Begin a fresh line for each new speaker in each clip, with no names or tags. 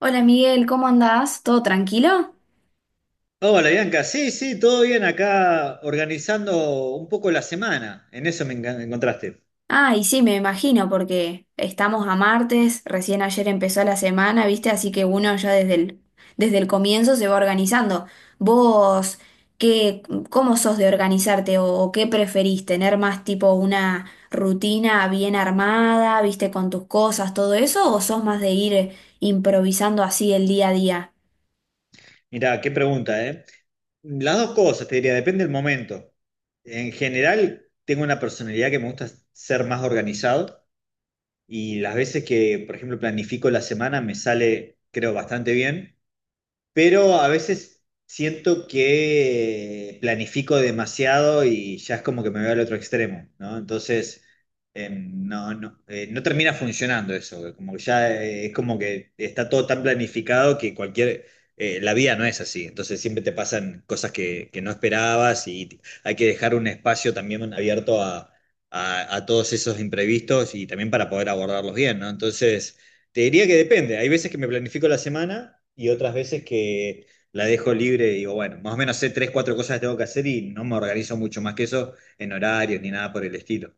Hola Miguel, ¿cómo andás? ¿Todo tranquilo?
Hola Bianca, sí, sí, todo bien acá organizando un poco la semana, en eso me encontraste.
Ah, y sí, me imagino, porque estamos a martes, recién ayer empezó la semana, ¿viste? Así que uno ya desde el comienzo se va organizando. ¿Vos qué, cómo sos de organizarte o qué preferís? ¿Tener más tipo una rutina bien armada, viste, con tus cosas, todo eso? ¿O sos más de ir improvisando así el día a día?
Mirá, qué pregunta, ¿eh? Las dos cosas, te diría, depende del momento. En general, tengo una personalidad que me gusta ser más organizado y las veces que, por ejemplo, planifico la semana me sale, creo, bastante bien. Pero a veces siento que planifico demasiado y ya es como que me voy al otro extremo, ¿no? Entonces, no, no, no termina funcionando eso, como que ya es como que está todo tan planificado que cualquier. La vida no es así, entonces siempre te pasan cosas que no esperabas y hay que dejar un espacio también abierto a, a todos esos imprevistos y también para poder abordarlos bien, ¿no? Entonces. Te diría que depende. Hay veces que me planifico la semana y otras veces que la dejo libre y digo, bueno, más o menos sé tres, cuatro cosas que tengo que hacer y no me organizo mucho más que eso en horarios ni nada por el estilo.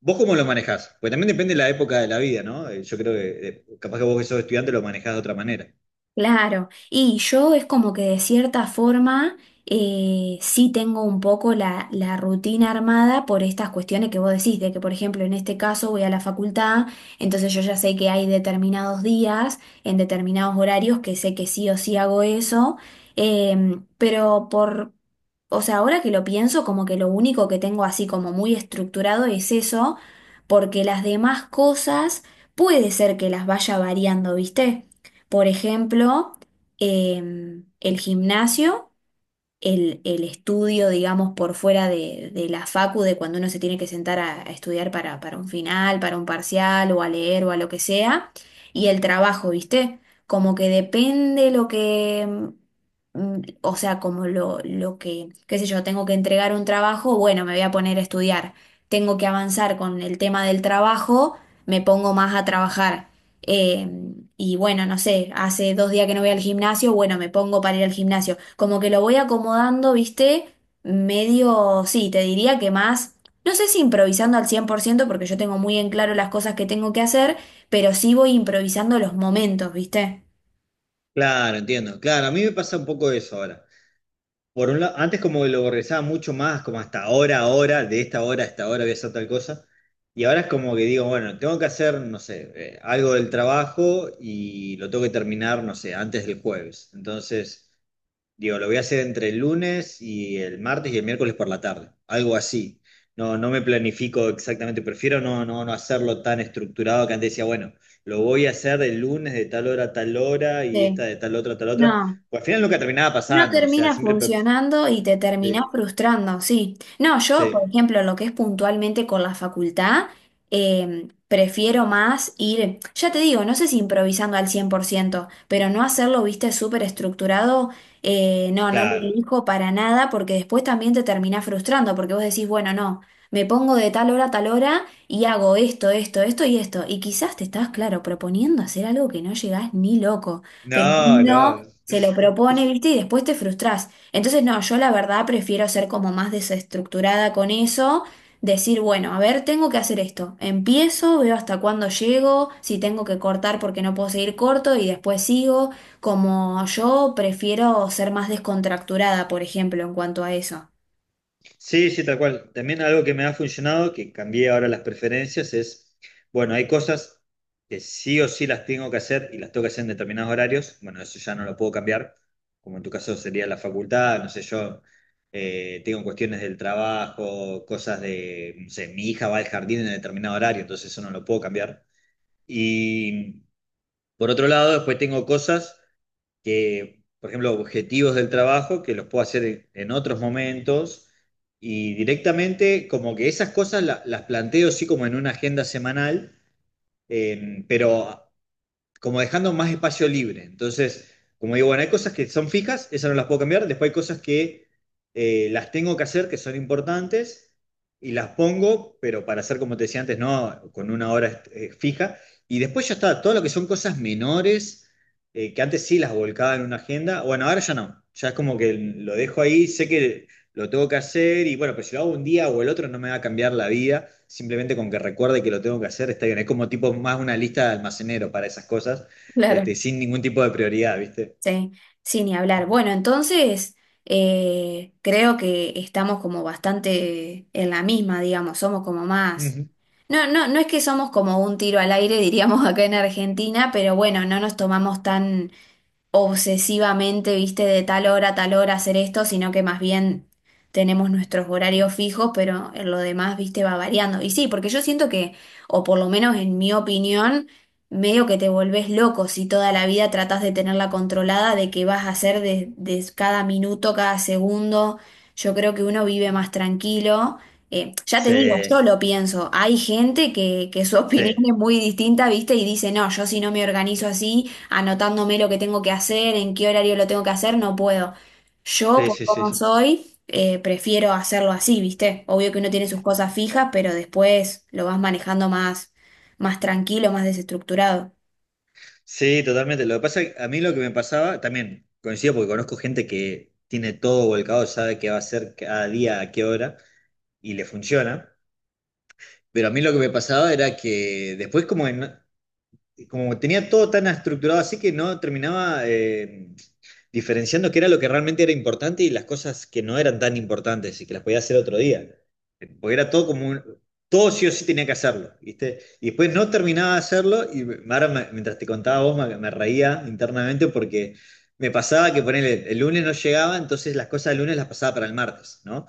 ¿Vos cómo lo manejás? Pues también depende de la época de la vida, ¿no? Yo creo que capaz que vos que sos estudiante lo manejás de otra manera.
Claro, y yo es como que de cierta forma sí tengo un poco la rutina armada por estas cuestiones que vos decís, de que por ejemplo en este caso voy a la facultad, entonces yo ya sé que hay determinados días, en determinados horarios, que sé que sí o sí hago eso, pero o sea, ahora que lo pienso, como que lo único que tengo así como muy estructurado es eso, porque las demás cosas puede ser que las vaya variando, ¿viste? Por ejemplo, el gimnasio, el estudio, digamos, por fuera de la facu, de cuando uno se tiene que sentar a estudiar para un final, para un parcial, o a leer, o a lo que sea, y el trabajo, ¿viste? Como que depende lo que, mm, mm, o sea, como lo que, qué sé yo, tengo que entregar un trabajo, bueno, me voy a poner a estudiar. Tengo que avanzar con el tema del trabajo, me pongo más a trabajar. Eh, y bueno, no sé, hace dos días que no voy al gimnasio, bueno, me pongo para ir al gimnasio. Como que lo voy acomodando, ¿viste? Medio, sí, te diría que más, no sé si improvisando al 100% porque yo tengo muy en claro las cosas que tengo que hacer, pero sí voy improvisando los momentos, ¿viste?
Claro, entiendo. Claro, a mí me pasa un poco eso ahora. Por un lado, antes como que lo organizaba mucho más, como hasta ahora, ahora, de esta hora a esta hora voy a hacer tal cosa. Y ahora es como que digo, bueno, tengo que hacer, no sé, algo del trabajo y lo tengo que terminar, no sé, antes del jueves. Entonces, digo, lo voy a hacer entre el lunes y el martes y el miércoles por la tarde, algo así. No, no me planifico exactamente, prefiero no, no, no hacerlo tan estructurado que antes decía, bueno, lo voy a hacer el lunes de tal hora a tal hora y esta
Sí.
de tal otra a tal otra.
No.
Pues al final nunca terminaba
No
pasando, o sea,
termina
siempre pues.
funcionando y te terminás
Sí,
frustrando, sí. No, yo, por
sí,
ejemplo, lo que es puntualmente con la facultad, prefiero más ir, ya te digo, no sé si improvisando al 100% pero no hacerlo, viste, súper estructurado, no lo
claro.
elijo para nada porque después también te terminás frustrando porque vos decís, bueno, no, me pongo de tal hora a tal hora y hago esto, esto, esto y esto. Y quizás te estás, claro, proponiendo hacer algo que no llegás ni loco. Pero
No, no.
no se lo propone, ¿viste? Y después te frustrás. Entonces, no, yo la verdad prefiero ser como más desestructurada con eso, decir, bueno, a ver, tengo que hacer esto. Empiezo, veo hasta cuándo llego, si tengo que cortar porque no puedo seguir corto y después sigo. Como yo prefiero ser más descontracturada, por ejemplo, en cuanto a eso.
Sí, sí, tal cual. También algo que me ha funcionado, que cambié ahora las preferencias, es, bueno, hay cosas que sí o sí las tengo que hacer y las tengo que hacer en determinados horarios. Bueno, eso ya no lo puedo cambiar, como en tu caso sería la facultad, no sé, yo tengo cuestiones del trabajo, cosas de, no sé, mi hija va al jardín en determinado horario, entonces eso no lo puedo cambiar. Y por otro lado, después tengo cosas que, por ejemplo, objetivos del trabajo que los puedo hacer en otros momentos y directamente como que esas cosas las planteo sí como en una agenda semanal, pero como dejando más espacio libre. Entonces, como digo, bueno, hay cosas que son fijas, esas no las puedo cambiar, después hay cosas que las tengo que hacer, que son importantes, y las pongo, pero para hacer, como te decía antes, no, con una hora fija. Y después ya está, todo lo que son cosas menores, que antes sí las volcaba en una agenda, bueno, ahora ya no, ya es como que lo dejo ahí, sé que lo tengo que hacer y bueno, pero si lo hago un día o el otro no me va a cambiar la vida, simplemente con que recuerde que lo tengo que hacer está bien. Es como tipo más una lista de almacenero para esas cosas,
Claro.
este, sin ningún tipo de prioridad, ¿viste?
Sí, sin ni hablar. Bueno, entonces creo que estamos como bastante en la misma, digamos, somos como más.
Ujú.
No, no, no es que somos como un tiro al aire, diríamos acá en Argentina, pero bueno, no nos tomamos tan obsesivamente, viste, de tal hora a tal hora hacer esto, sino que más bien tenemos nuestros horarios fijos, pero en lo demás, viste, va variando. Y sí, porque yo siento que, o por lo menos en mi opinión, medio que te volvés loco si toda la vida tratás de tenerla controlada, de qué vas a hacer de cada minuto, cada segundo. Yo creo que uno vive más tranquilo. Ya te digo, yo
Sí,
lo pienso. Hay gente que su opinión
sí,
es muy distinta, ¿viste? Y dice, no, yo si no me organizo así, anotándome lo que tengo que hacer, en qué horario lo tengo que hacer, no puedo. Yo,
sí,
por
sí, sí,
cómo
sí.
soy, prefiero hacerlo así, ¿viste? Obvio que uno tiene sus cosas fijas, pero después lo vas manejando más, más tranquilo, más desestructurado.
Sí, totalmente. Lo que pasa, a mí lo que me pasaba, también coincido porque conozco gente que tiene todo volcado, sabe qué va a hacer cada día, a qué hora, y le funciona. Pero a mí lo que me pasaba era que después como en como tenía todo tan estructurado así que no terminaba diferenciando qué era lo que realmente era importante y las cosas que no eran tan importantes y que las podía hacer otro día. Porque era todo como todo sí o sí tenía que hacerlo, ¿viste? Y después no terminaba de hacerlo y ahora mientras te contaba vos me reía internamente porque me pasaba que ponele, el lunes no llegaba, entonces las cosas del lunes las pasaba para el martes, ¿no?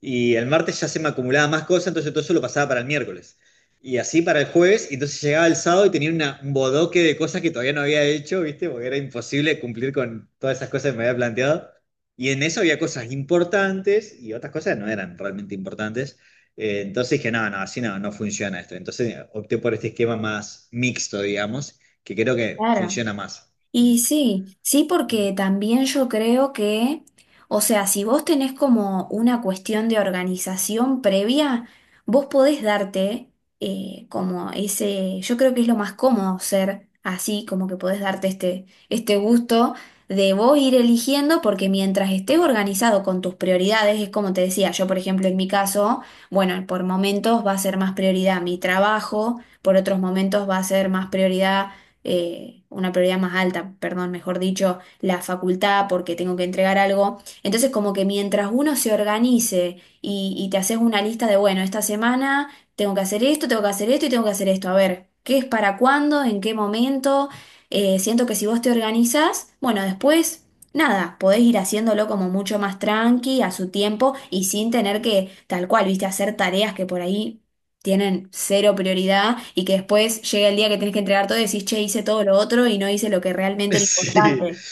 Y el martes ya se me acumulaba más cosas, entonces todo eso lo pasaba para el miércoles. Y así para el jueves, y entonces llegaba el sábado y tenía un bodoque de cosas que todavía no había hecho, ¿viste? Porque era imposible cumplir con todas esas cosas que me había planteado. Y en eso había cosas importantes y otras cosas no eran realmente importantes. Entonces dije, no, no, así no, no funciona esto. Entonces opté por este esquema más mixto, digamos, que creo que
Claro.
funciona más.
Y sí, sí, porque también yo creo que, o sea, si vos tenés como una cuestión de organización previa, vos podés darte como ese, yo creo que es lo más cómodo ser así, como que podés darte este gusto de vos ir eligiendo, porque mientras estés organizado con tus prioridades, es como te decía, yo por ejemplo en mi caso, bueno, por momentos va a ser más prioridad mi trabajo, por otros momentos va a ser más prioridad una prioridad más alta, perdón, mejor dicho, la facultad porque tengo que entregar algo. Entonces, como que mientras uno se organice y te haces una lista de, bueno, esta semana tengo que hacer esto, tengo que hacer esto y tengo que hacer esto, a ver, ¿qué es para cuándo? ¿En qué momento? Siento que si vos te organizás, bueno, después... Nada, podés ir haciéndolo como mucho más tranqui, a su tiempo y sin tener que, tal cual, viste, hacer tareas que por ahí tienen cero prioridad y que después llega el día que tienes que entregar todo y decís, che, hice todo lo otro y no hice lo que realmente era
Sí,
importante.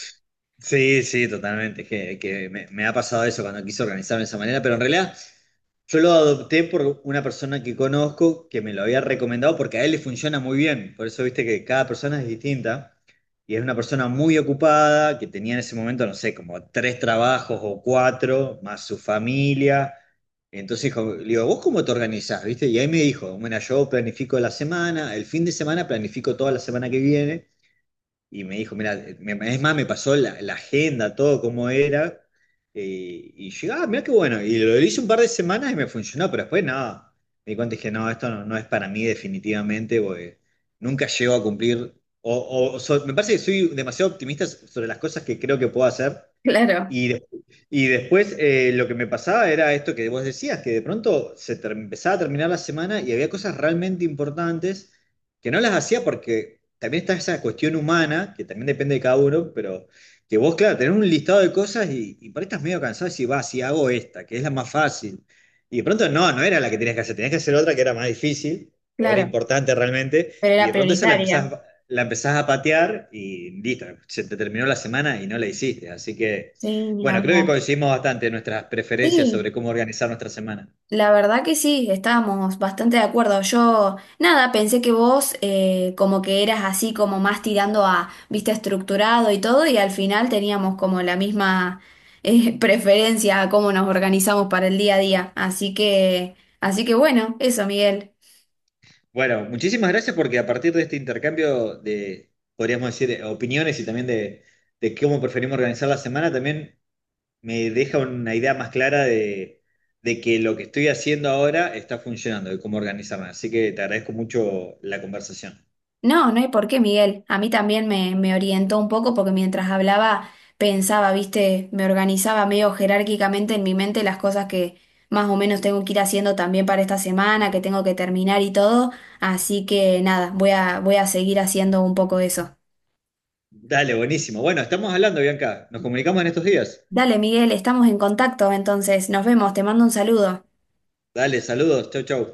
sí, sí, totalmente. Es que me, ha pasado eso cuando quise organizarme de esa manera, pero en realidad yo lo adopté por una persona que conozco que me lo había recomendado porque a él le funciona muy bien. Por eso viste que cada persona es distinta y es una persona muy ocupada que tenía en ese momento, no sé, como tres trabajos o cuatro, más su familia. Entonces dijo, le digo, ¿vos cómo te organizás? ¿Viste? Y ahí me dijo, bueno, yo planifico la semana, el fin de semana planifico toda la semana que viene y me dijo, mira, es más, me pasó la, la agenda, todo cómo era, y yo, ah, mira qué bueno, y lo hice un par de semanas y me funcionó, pero después nada me di cuenta y dije, no, esto no, no es para mí definitivamente, porque nunca llego a cumplir, me parece que soy demasiado optimista sobre las cosas que creo que puedo hacer,
Claro,
y, de- y después lo que me pasaba era esto que vos decías, que de pronto empezaba a terminar la semana y había cosas realmente importantes que no las hacía porque también está esa cuestión humana, que también depende de cada uno, pero que vos, claro, tenés un listado de cosas y por ahí estás medio cansado y decís, va, si hago esta, que es la más fácil. Y de pronto no, no era la que tenías que hacer otra que era más difícil o era
claro,
importante realmente,
pero
y
era
de pronto esa la
prioritaria.
empezás, la empezás a patear y listo, se te terminó la semana y no la hiciste. Así que.
Sí, ni
Bueno, creo que
hablar.
coincidimos bastante en nuestras preferencias
Sí,
sobre cómo organizar nuestra semana.
la verdad que sí, estábamos bastante de acuerdo. Yo, nada, pensé que vos como que eras así como más tirando a, viste, estructurado y todo y al final teníamos como la misma preferencia a cómo nos organizamos para el día a día. Así que bueno, eso, Miguel.
Bueno, muchísimas gracias porque a partir de este intercambio de, podríamos decir, opiniones y también de cómo preferimos organizar la semana, también me deja una idea más clara de que lo que estoy haciendo ahora está funcionando, de cómo organizarme. Así que te agradezco mucho la conversación.
No, no hay por qué, Miguel. A mí también me orientó un poco porque mientras hablaba pensaba, viste, me organizaba medio jerárquicamente en mi mente las cosas que más o menos tengo que ir haciendo también para esta semana, que tengo que terminar y todo. Así que nada, voy a seguir haciendo un poco eso.
Dale, buenísimo. Bueno, estamos hablando, Bianca. Nos comunicamos en estos días.
Dale, Miguel, estamos en contacto, entonces nos vemos, te mando un saludo.
Dale, saludos. Chau, chau.